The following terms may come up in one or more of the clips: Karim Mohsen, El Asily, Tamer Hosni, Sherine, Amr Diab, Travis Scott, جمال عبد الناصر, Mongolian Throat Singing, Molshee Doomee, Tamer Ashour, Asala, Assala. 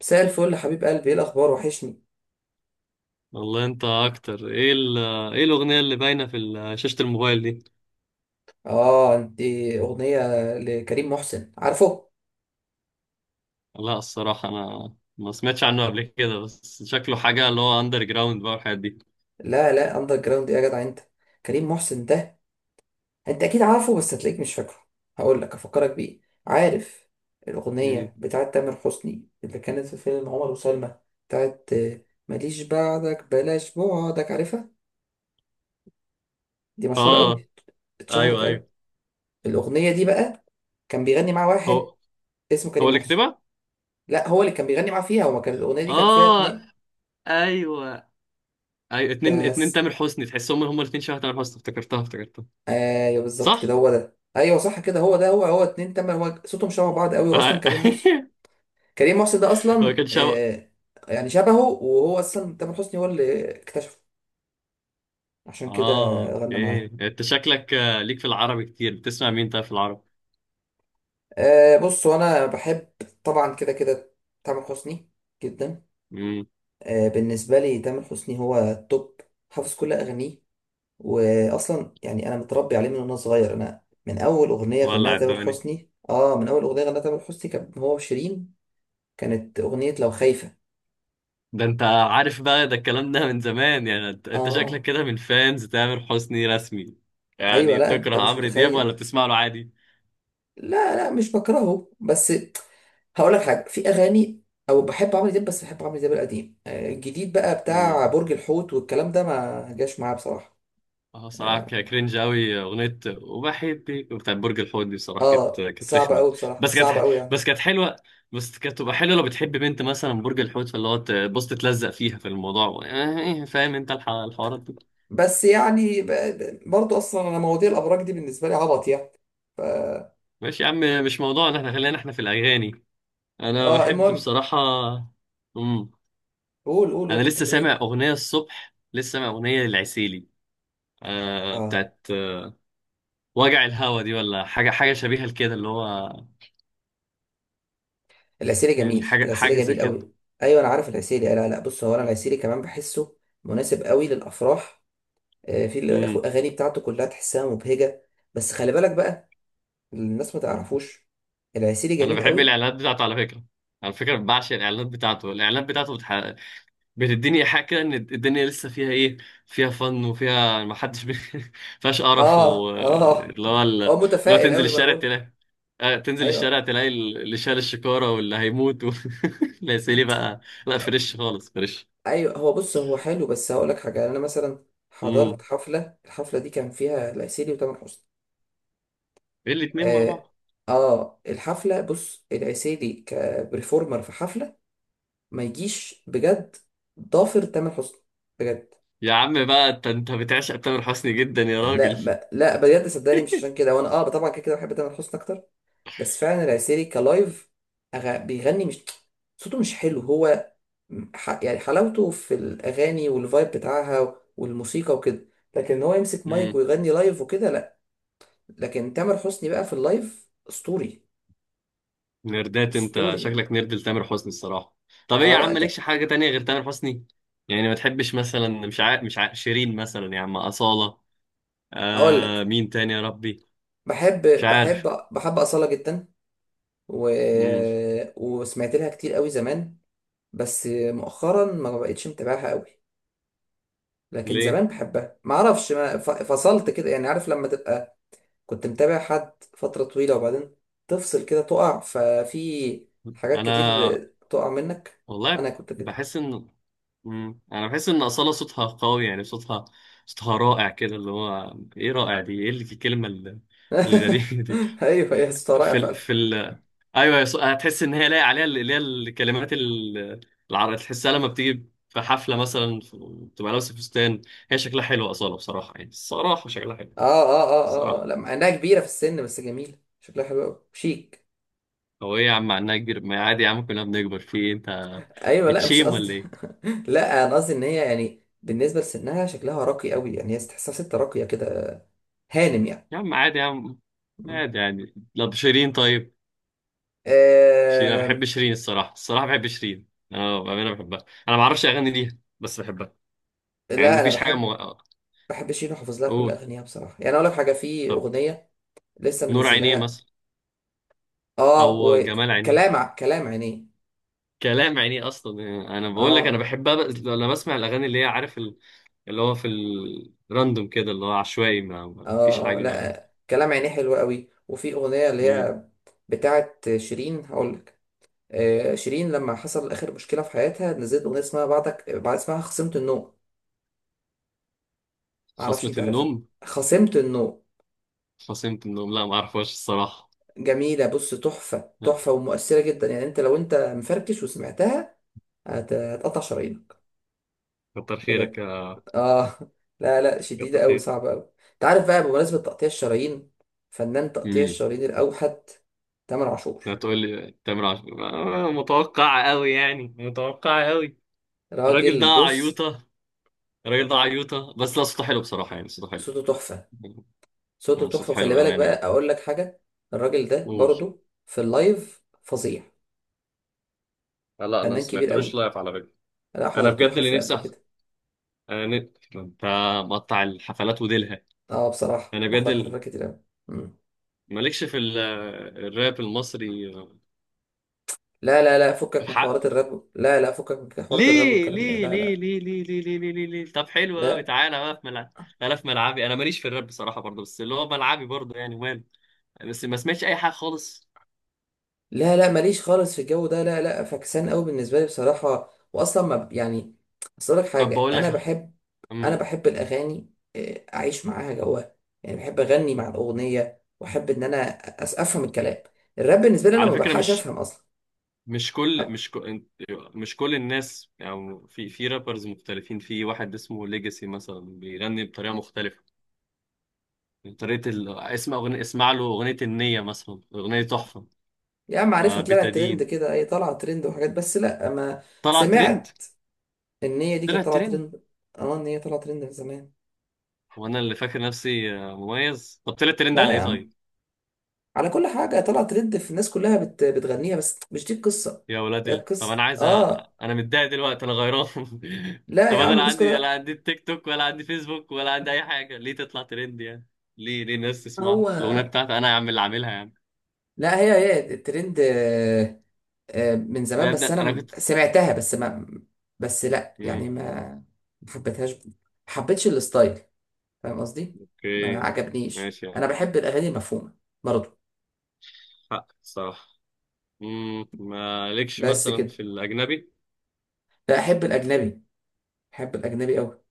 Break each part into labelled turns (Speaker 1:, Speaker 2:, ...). Speaker 1: مساء الفل يا حبيب قلبي، ايه الاخبار؟ وحشني.
Speaker 2: والله انت اكتر ايه الاغنيه اللي باينه في شاشه الموبايل دي.
Speaker 1: اه، انت، اغنيه لكريم محسن، عارفه؟
Speaker 2: لا الصراحه انا ما سمعتش عنه قبل كده، بس شكله حاجه اللي هو اندر جراوند بقى والحاجات دي.
Speaker 1: لا لا، اندر جراوند ايه يا جدع انت؟ كريم محسن ده انت اكيد عارفه، بس هتلاقيك مش فاكره. هقول لك افكرك بيه. عارف
Speaker 2: مم.
Speaker 1: الاغنيه بتاعت تامر حسني اللي كانت في فيلم عمر وسلمى؟ بتاعت ماليش بعدك، بلاش بعدك، عارفها؟ دي مشهوره
Speaker 2: اه،
Speaker 1: قوي، اتشهرت
Speaker 2: ايوه ايوه.
Speaker 1: قوي. الاغنيه دي بقى كان بيغني مع واحد
Speaker 2: هو
Speaker 1: اسمه
Speaker 2: هو
Speaker 1: كريم
Speaker 2: اللي
Speaker 1: محسن.
Speaker 2: كاتبها؟
Speaker 1: لا، هو اللي كان بيغني معاه فيها، هو ما كانت الاغنيه دي كان فيها
Speaker 2: اه
Speaker 1: اتنين.
Speaker 2: ايوه. ايوه اتنين اتنين،
Speaker 1: بس
Speaker 2: تامر حسني تحسهم هما الاتنين شبه تامر حسني. افتكرتها افتكرتها.
Speaker 1: ايوه بالظبط كده،
Speaker 2: صح.
Speaker 1: هو ده، ايوه صح كده، هو ده، هو اتنين، تمام، هو صوتهم شبه بعض قوي، واصلا
Speaker 2: آه.
Speaker 1: كريم محسن، كريم محسن ده
Speaker 2: هو
Speaker 1: اصلا
Speaker 2: كان شبه.
Speaker 1: يعني شبهه، وهو اصلا تامر حسني هو اللي اكتشفه، عشان كده
Speaker 2: اه
Speaker 1: غنى
Speaker 2: اوكي،
Speaker 1: معاه.
Speaker 2: انت شكلك ليك في العربي كتير. بتسمع مين طيب في العربي؟
Speaker 1: بص انا بحب طبعا كده كده تامر حسني جدا.
Speaker 2: امم.
Speaker 1: آه، بالنسبه لي تامر حسني هو التوب، حافظ كل اغانيه، واصلا يعني انا متربي عليه من وانا صغير. انا من اول اغنيه غناها
Speaker 2: ولع
Speaker 1: تامر
Speaker 2: الدنيا؟
Speaker 1: حسني، من اول اغنيه غناها تامر حسني كان هو وشيرين، كانت أغنية لو خايفة.
Speaker 2: ده انت عارف بقى، ده الكلام ده من زمان يعني. انت شكلك
Speaker 1: آه
Speaker 2: كده من فانز تامر حسني رسمي.
Speaker 1: أيوة،
Speaker 2: يعني
Speaker 1: لا أنت
Speaker 2: تكره
Speaker 1: مش
Speaker 2: عمرو دياب
Speaker 1: متخيل.
Speaker 2: ولا بتسمع له عادي؟
Speaker 1: لا لا، مش بكرهه، بس هقول لك حاجة، في أغاني أو بحب عمرو دياب، بس بحب عمرو دياب القديم. آه، الجديد بقى
Speaker 2: امم.
Speaker 1: بتاع برج الحوت والكلام ده ما جاش معاه بصراحة.
Speaker 2: اه صراحة
Speaker 1: آه،
Speaker 2: كرنج قوي، اغنية وبحبك بتاعت برج الحوت دي بصراحة كانت
Speaker 1: آه،
Speaker 2: كانت
Speaker 1: صعب
Speaker 2: رخمة.
Speaker 1: أوي بصراحة،
Speaker 2: بس كانت
Speaker 1: صعب أوي يعني.
Speaker 2: بس كانت حلوة. بس كانت تبقى حلوة لو بتحب بنت مثلا برج الحوت، فاللي هو تبص تتلزق فيها في الموضوع، اه، فاهم انت الحوارات دي.
Speaker 1: بس يعني برضه أصلا أنا مواضيع الأبراج دي بالنسبة لي عبط يعني.
Speaker 2: ماشي يا عم، مش موضوعنا، احنا خلينا احنا في الاغاني. انا بحب
Speaker 1: المهم،
Speaker 2: بصراحة. امم.
Speaker 1: قول قول،
Speaker 2: انا
Speaker 1: قلت
Speaker 2: لسه
Speaker 1: بتحب مين؟
Speaker 2: سامع اغنيه الصبح، لسه سامع اغنيه للعسيلي.
Speaker 1: آه،
Speaker 2: بتاعت وجع الهوا دي، ولا حاجه حاجه شبيهه لكده، اللي هو
Speaker 1: العسيلي
Speaker 2: يعني
Speaker 1: جميل،
Speaker 2: حاجه
Speaker 1: العسيلي
Speaker 2: حاجه زي
Speaker 1: جميل
Speaker 2: كده.
Speaker 1: قوي. ايوه انا عارف العسيلي. لا لا، بص هو، انا العسيلي كمان بحسه مناسب قوي للافراح. آه، في
Speaker 2: امم.
Speaker 1: الاغاني بتاعته كلها تحسها مبهجه، بس خلي بالك بقى، الناس ما تعرفوش، العسيلي
Speaker 2: انا
Speaker 1: جميل
Speaker 2: بحب
Speaker 1: قوي.
Speaker 2: الاعلانات بتاعته على فكره بعشق الاعلانات بتاعته بتديني حاجه كده ان الدنيا لسه فيها ايه، فيها فن وفيها ما حدش فيهاش قرف
Speaker 1: اه اه،
Speaker 2: اللي هو اللي
Speaker 1: هو
Speaker 2: هو
Speaker 1: متفائل
Speaker 2: تنزل
Speaker 1: قوي، ما انا
Speaker 2: الشارع
Speaker 1: بقول لك.
Speaker 2: تلاقي، تنزل
Speaker 1: ايوه
Speaker 2: الشارع تلاقي اللي شال الشكارة واللي هيموت لا يا سيدي بقى، لا فريش خالص، فريش.
Speaker 1: ايوه، هو بص هو حلو، بس هقول لك حاجه. انا مثلا حضرت
Speaker 2: امم.
Speaker 1: حفله، الحفله دي كان فيها العسيلي وتامر حسني.
Speaker 2: ايه، الاتنين مع
Speaker 1: اه،
Speaker 2: بعض؟
Speaker 1: آه، الحفله، بص العسيلي كبرفورمر في حفله ما يجيش بجد ضافر تامر حسني بجد.
Speaker 2: يا عم بقى، انت انت بتعشق تامر حسني جدا يا
Speaker 1: لا،
Speaker 2: راجل.
Speaker 1: ما لا، بجد صدقني، مش عشان كده وانا اه طبعا كده كده بحب تامر حسني اكتر، بس فعلا العسيري كلايف بيغني، مش صوته مش حلو هو، يعني حلاوته في الاغاني والفايب بتاعها والموسيقى وكده، لكن هو يمسك مايك
Speaker 2: امم.
Speaker 1: ويغني لايف وكده لا. لكن تامر حسني بقى في اللايف اسطوري،
Speaker 2: نردات، انت
Speaker 1: اسطوري.
Speaker 2: شكلك نرد لتامر حسني الصراحه. طب ايه
Speaker 1: اه،
Speaker 2: يا
Speaker 1: لا
Speaker 2: عم،
Speaker 1: ده،
Speaker 2: مالكش حاجه تانية غير تامر حسني؟ يعني ما تحبش مثلا، مش عارف شيرين مثلا يا عم، اصاله.
Speaker 1: هقول لك،
Speaker 2: مين تاني يا ربي؟
Speaker 1: بحب
Speaker 2: مش
Speaker 1: بحب
Speaker 2: عارف.
Speaker 1: بحب أصالة جدا، و...
Speaker 2: امم.
Speaker 1: وسمعت لها كتير قوي زمان، بس مؤخرا ما بقتش متابعها قوي. لكن
Speaker 2: ليه؟
Speaker 1: زمان بحبها، ما اعرفش، ما فصلت كده يعني، عارف لما تبقى كنت متابع حد فترة طويلة وبعدين تفصل كده، تقع ففي حاجات كتير،
Speaker 2: انا
Speaker 1: تقع منك. انا
Speaker 2: والله
Speaker 1: كنت كده.
Speaker 2: بحس ان انا بحس ان اصاله صوتها قوي، يعني صوتها رائع كده، اللي هو ايه، رائع دي ايه، اللي في الكلمه الغريبه دي.
Speaker 1: ايوه يا اسطى، رائع
Speaker 2: في ال...
Speaker 1: فعلا.
Speaker 2: في ال... ايوه هتحس ان هي لايق عليها، اللي هي الكلمات العربية. تحسها لما بتيجي في حفله مثلا، بتبقى لابسه فستان. هي شكلها حلو اصاله بصراحه، يعني الصراحه شكلها حلو،
Speaker 1: اه اه، اه اه، آه.
Speaker 2: الصراحه.
Speaker 1: لا مع انها كبيرة في السن، بس جميلة شكلها حلو قوي، شيك.
Speaker 2: هو ايه يا عم، عنها كبير؟ ما عادي يا عم، كلنا بنكبر. في ايه انت،
Speaker 1: ايوه لا مش
Speaker 2: بتشيم
Speaker 1: قصدي.
Speaker 2: ولا ايه؟
Speaker 1: لا انا قصدي ان هي يعني بالنسبة لسنها شكلها راقي قوي، يعني هي تحسها ست راقية كده، هانم،
Speaker 2: يا عم عادي يا عم،
Speaker 1: يعني.
Speaker 2: عادي يعني. طب شيرين طيب؟ شيرين انا
Speaker 1: آه،
Speaker 2: بحب شيرين الصراحه، الصراحه بحب شيرين. انا بامانه بحبها، انا ما اعرفش اغاني ليها بس بحبها. يعني
Speaker 1: لا انا
Speaker 2: مفيش حاجه
Speaker 1: بحب شيرين وحافظ لها كل
Speaker 2: قول.
Speaker 1: اغانيها بصراحه، يعني اقول لك حاجه، في
Speaker 2: طب،
Speaker 1: اغنيه لسه
Speaker 2: نور عينيه
Speaker 1: منزلها.
Speaker 2: مثلا؟
Speaker 1: اه،
Speaker 2: او جمال عينيه؟
Speaker 1: وكلام كلام عينيه.
Speaker 2: كلام عينيه اصلا، يعني انا بقول لك، انا
Speaker 1: اه
Speaker 2: بحب لما بسمع الاغاني اللي هي، عارف، اللي هو في الراندوم كده، اللي هو عشوائي، ما فيش
Speaker 1: اه، اه
Speaker 2: حاجه.
Speaker 1: لا، كلام عينيه حلو قوي، وفي اغنيه اللي
Speaker 2: امم.
Speaker 1: هي بتاعت شيرين، هقول لك، آه، شيرين لما حصل اخر مشكله في حياتها نزلت اغنيه اسمها بعدك، بعد اسمها خصمت النوم، معرفش
Speaker 2: خصمة
Speaker 1: انت عارفها،
Speaker 2: النوم؟
Speaker 1: خصمت النوم.
Speaker 2: خصمة النوم لا، ما اعرفهاش الصراحه.
Speaker 1: جميله، بص تحفه،
Speaker 2: لا.
Speaker 1: تحفه ومؤثره جدا، يعني انت لو انت مفركش وسمعتها هتقطع شرايينك
Speaker 2: كتر خيرك
Speaker 1: بجد.
Speaker 2: يا.
Speaker 1: اه، لا لا،
Speaker 2: كتر
Speaker 1: شديدة أوي،
Speaker 2: خير.
Speaker 1: صعبة أوي. أنت عارف بقى بمناسبة تقطيع الشرايين، فنان تقطيع
Speaker 2: امم.
Speaker 1: الشرايين الأوحد، تامر عاشور.
Speaker 2: لا تقول لي تامر عاشور. آه، متوقعه قوي، يعني متوقعه قوي. الراجل ده
Speaker 1: راجل، بص
Speaker 2: عيوطه. الراجل ده عيوطه، بس لا صوته حلو بصراحه، يعني صوته حلو.
Speaker 1: صوته تحفة، صوته
Speaker 2: مم.
Speaker 1: تحفة،
Speaker 2: صوته حلو
Speaker 1: وخلي بالك بقى
Speaker 2: بامانه يعني.
Speaker 1: أقول لك حاجة، الراجل ده
Speaker 2: قول.
Speaker 1: برضو في اللايف فظيع،
Speaker 2: لا لا، انا ما
Speaker 1: فنان كبير
Speaker 2: سمعتلوش
Speaker 1: أوي،
Speaker 2: لايف على فكره.
Speaker 1: أنا
Speaker 2: انا
Speaker 1: حضرت له
Speaker 2: بجد اللي
Speaker 1: حفلة
Speaker 2: نفسي
Speaker 1: قبل كده.
Speaker 2: أنا انت مقطع الحفلات وديلها.
Speaker 1: اه بصراحة
Speaker 2: انا بجد
Speaker 1: بحضر حفلات كتير أوي. مم.
Speaker 2: مالكش الراب المصري؟
Speaker 1: لا لا لا، فكك من
Speaker 2: الحق!
Speaker 1: حوارات الراب، لا لا، فكك من حوارات الراب
Speaker 2: ليه
Speaker 1: والكلام ده،
Speaker 2: ليه
Speaker 1: لا
Speaker 2: ليه
Speaker 1: لا
Speaker 2: ليه ليه ليه ليه ليه، ليه؟ ليه؟ طب حلو قوي،
Speaker 1: لا.
Speaker 2: تعالى بقى في ملعب. انا في ملعبي، انا ماليش في الراب بصراحه برضه، بس اللي هو ملعبي برضه، يعني وماله. بس ما سمعتش اي حاجه خالص.
Speaker 1: لا لا، ماليش خالص في الجو ده، لا لا، فكسان قوي بالنسبه لي بصراحه، واصلا ما ب- يعني اصل لك
Speaker 2: طب
Speaker 1: حاجه،
Speaker 2: بقول
Speaker 1: انا
Speaker 2: لك على،
Speaker 1: بحب انا
Speaker 2: امم،
Speaker 1: بحب الاغاني، آه، اعيش معاها جواها، يعني بحب اغني مع الاغنيه واحب ان انا افهم الكلام. الراب بالنسبه لي انا
Speaker 2: على
Speaker 1: ما
Speaker 2: فكره،
Speaker 1: بلحقش افهم اصلا.
Speaker 2: مش كل
Speaker 1: طب
Speaker 2: مش كل مش كل الناس، يعني في في رابرز مختلفين، في واحد اسمه ليجاسي مثلا بيغني بطريقه مختلفه. طريقة اسم أغنية، اسمع له أغنية النية مثلا، أغنية تحفة.
Speaker 1: يا عم
Speaker 2: آه
Speaker 1: عارفها، طلعت ترند
Speaker 2: بتدين.
Speaker 1: كده، اي طالعه ترند وحاجات، بس لا ما
Speaker 2: طلع ترند؟
Speaker 1: سمعت ان هي دي
Speaker 2: طلع
Speaker 1: كانت طالعه
Speaker 2: ترند.
Speaker 1: ترند. اه، ان هي طالعه ترند من زمان.
Speaker 2: وأنا اللي فاكر نفسي مميز. طب طلع ترند
Speaker 1: لا
Speaker 2: على
Speaker 1: يا
Speaker 2: إيه
Speaker 1: عم،
Speaker 2: طيب؟
Speaker 1: على كل حاجه طالعه ترند، في الناس كلها بتغنيها، بس مش دي القصه،
Speaker 2: يا ولاد
Speaker 1: هي
Speaker 2: طب
Speaker 1: القصه.
Speaker 2: أنا عايز
Speaker 1: اه،
Speaker 2: أنا متضايق دلوقتي، أنا غيران.
Speaker 1: لا
Speaker 2: طب
Speaker 1: يا
Speaker 2: أنا
Speaker 1: عم،
Speaker 2: لا
Speaker 1: الديسكو
Speaker 2: عندي، لا
Speaker 1: لا.
Speaker 2: عندي التيك توك، ولا عندي فيسبوك، ولا عندي أي حاجة. ليه تطلع ترند يعني؟ ليه ليه الناس
Speaker 1: هو
Speaker 2: تسمعها الأغنية بتاعتي أنا يا عم اللي عاملها يعني.
Speaker 1: لا، هي الترند. آه، آه، من زمان
Speaker 2: ده
Speaker 1: بس
Speaker 2: أبدأ،
Speaker 1: انا
Speaker 2: أنا كنت.
Speaker 1: سمعتها، بس ما بس لا
Speaker 2: مم.
Speaker 1: يعني ما حبيتهاش، ما حبيتش الستايل، فاهم قصدي؟ ما
Speaker 2: أوكي.
Speaker 1: عجبنيش،
Speaker 2: ماشي يا
Speaker 1: انا
Speaker 2: عم.
Speaker 1: بحب الاغاني المفهومه برضه.
Speaker 2: حق صح. مم. مالكش
Speaker 1: بس
Speaker 2: مثلا
Speaker 1: كده.
Speaker 2: في الأجنبي؟
Speaker 1: لا، احب الاجنبي، احب الاجنبي قوي.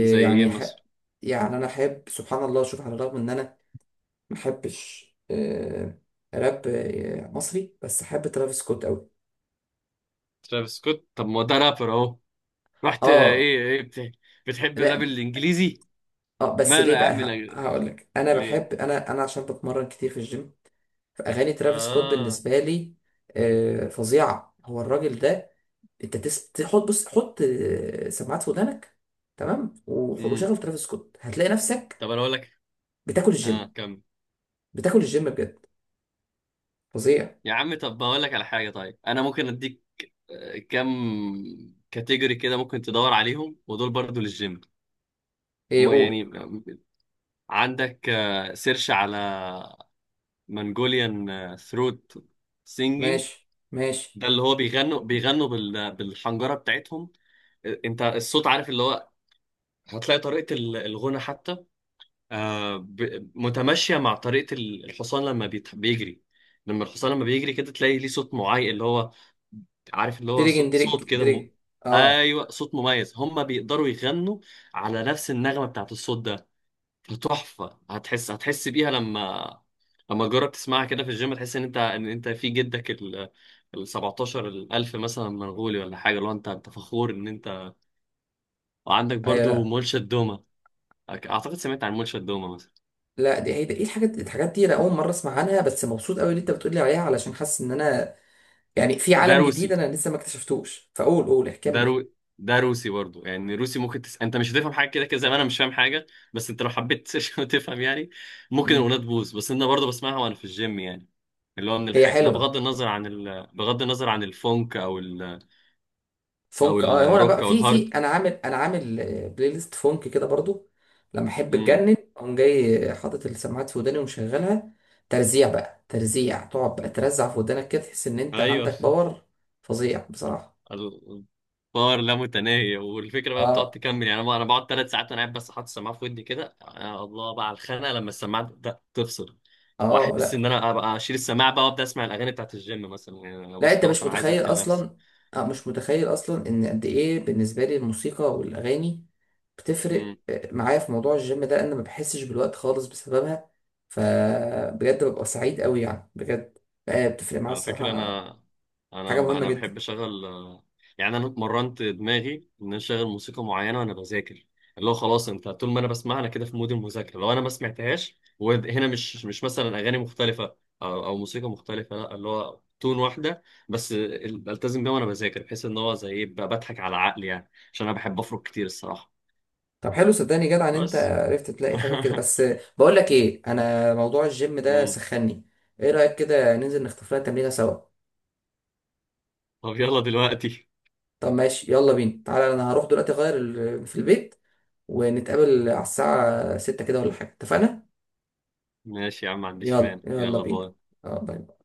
Speaker 2: زي إيه
Speaker 1: يعني
Speaker 2: مثلا؟
Speaker 1: يعني انا احب، سبحان الله، شوف على الرغم ان انا ما احبش آه، راب آه، مصري، بس احب ترافيس سكوت قوي.
Speaker 2: ترافيس سكوت؟ طب ما هو ده رابر اهو. رحت
Speaker 1: اه،
Speaker 2: ايه بتحب الراب
Speaker 1: لا
Speaker 2: الانجليزي؟
Speaker 1: اه، بس
Speaker 2: ماله
Speaker 1: ليه
Speaker 2: يا
Speaker 1: بقى
Speaker 2: عم الأج-.
Speaker 1: هقولك، انا
Speaker 2: ليه؟
Speaker 1: بحب، انا انا عشان بتمرن كتير في الجيم، فاغاني ترافيس سكوت
Speaker 2: اه.
Speaker 1: بالنسبه لي آه، فظيعه. هو الراجل ده، انت تحط، بص حط آه، سماعات في ودانك، تمام
Speaker 2: امم.
Speaker 1: وشغل ترافيس سكوت، هتلاقي نفسك
Speaker 2: طب انا اقول لك.
Speaker 1: بتاكل
Speaker 2: اه
Speaker 1: الجيم،
Speaker 2: كم.
Speaker 1: بتاكل الجيم بجد، فظيع.
Speaker 2: يا عم طب بقول لك على حاجه طيب، انا ممكن اديك كم كاتيجوري كده، ممكن تدور عليهم، ودول برضو للجيم.
Speaker 1: ايه قول.
Speaker 2: يعني عندك سيرش على منجوليان ثروت سينجينج.
Speaker 1: ماشي ماشي.
Speaker 2: ده اللي هو بيغنوا، بيغنوا بالحنجره بتاعتهم. آه، انت الصوت عارف اللي هو. هتلاقي طريقة الغنى حتى، متماشية مع طريقة الحصان لما بيجري. لما الحصان لما بيجري كده تلاقي ليه صوت معين، اللي هو، عارف، اللي هو
Speaker 1: دريجن دريج
Speaker 2: صوت كده
Speaker 1: دريج. اه
Speaker 2: ايوه صوت مميز. هما بيقدروا يغنوا على نفس النغمة بتاعت الصوت ده. فتحفة، هتحس بيها لما تجرب تسمعها كده في الجيم، تحس ان انت في جدك ال 17 الألف مثلا، منغولي ولا حاجة، لو انت فخور ان انت. وعندك
Speaker 1: ايوه.
Speaker 2: برضو
Speaker 1: لا
Speaker 2: مولشة دومة. اعتقد سمعت عن مولشة دومة؟
Speaker 1: لا، ايه الحاجات، الحاجات دي انا اول مره اسمع عنها، بس مبسوط قوي اللي انت بتقولي عليها علشان حاسس ان انا يعني في
Speaker 2: ده
Speaker 1: عالم جديد
Speaker 2: روسي.
Speaker 1: انا لسه ما اكتشفتوش، فقول قول
Speaker 2: ده
Speaker 1: كمل.
Speaker 2: رو... ده روسي برضو يعني. روسي، ممكن انت مش هتفهم حاجه كده كده، زي ما انا مش فاهم حاجه. بس انت لو حبيت تفهم يعني ممكن
Speaker 1: مم.
Speaker 2: الاغنيه تبوظ، بس انا برضو بسمعها وانا في الجيم يعني. اللي هو من
Speaker 1: هي
Speaker 2: الحاجات ده،
Speaker 1: حلوه،
Speaker 2: بغض النظر عن الفونك، او او
Speaker 1: فونك، اه هو انا بقى
Speaker 2: الروك، او
Speaker 1: في
Speaker 2: الهارد.
Speaker 1: انا انا عامل آه، بلاي ليست فونك كده برضو، لما احب
Speaker 2: امم.
Speaker 1: اتجنن اقوم جاي حاطط السماعات في وداني ومشغلها، ترزيع بقى، ترزيع، تقعد بقى ترزع في ودانك كده، تحس ان انت
Speaker 2: ايوه.
Speaker 1: عندك باور، فظيع بصراحه.
Speaker 2: الباور لا متناهي، والفكره بقى بتقعد
Speaker 1: اه
Speaker 2: تكمل، يعني انا بقعد 3 ساعات انا قاعد بس حاطط السماعه في ودني كده. يا الله بقى على الخناقه لما السماعه تبدا تفصل، واحس
Speaker 1: اه،
Speaker 2: ان انا ابقى اشيل السماعه بقى وابدا اسمع الاغاني بتاعت الجيم مثلا، يعني أنا
Speaker 1: لا
Speaker 2: بص
Speaker 1: انت
Speaker 2: خلاص
Speaker 1: مش
Speaker 2: انا عايز
Speaker 1: متخيل
Speaker 2: اقتل نفسي.
Speaker 1: اصلا، اه مش متخيل اصلا ان قد ايه بالنسبه لي الموسيقى والاغاني بتفرق آه، معايا في موضوع الجيم ده، انا ما بحسش بالوقت خالص بسببها، فبجد ببقى سعيد قوي يعني بجد، آه، بتفرق معايا
Speaker 2: على فكرة،
Speaker 1: الصراحه،
Speaker 2: أنا، أنا
Speaker 1: حاجه مهمه
Speaker 2: أنا
Speaker 1: جدا.
Speaker 2: بحب أشغل، يعني أنا اتمرنت دماغي إن أنا أشغل موسيقى معينة وأنا بذاكر، اللي هو خلاص أنت طول ما أنا بسمعها أنا كده في مود المذاكرة. لو أنا ما سمعتهاش، وهنا مش مثلا أغاني مختلفة أو موسيقى مختلفة، لا اللي هو تون واحدة بس بلتزم بيها وأنا بذاكر، بحيث إن هو زي إيه بقى، بضحك على عقلي يعني، عشان أنا بحب أفرك كتير الصراحة.
Speaker 1: طب حلو، صدقني جدع ان انت
Speaker 2: بس.
Speaker 1: عرفت تلاقي حاجه كده. بس آه، بقول لك ايه، انا موضوع الجيم ده
Speaker 2: مم.
Speaker 1: سخني، ايه رايك كده ننزل نختار لنا تمرينه سوا؟
Speaker 2: طب يلا دلوقتي.
Speaker 1: طب ماشي يلا بينا، تعالى انا هروح دلوقتي اغير في البيت، ونتقابل على الساعة 6 كده ولا حاجة، اتفقنا؟
Speaker 2: ماشي يا عم، ما عنديش
Speaker 1: يلا
Speaker 2: مانع.
Speaker 1: يلا
Speaker 2: يلا
Speaker 1: بينا.
Speaker 2: باي.
Speaker 1: اه باي.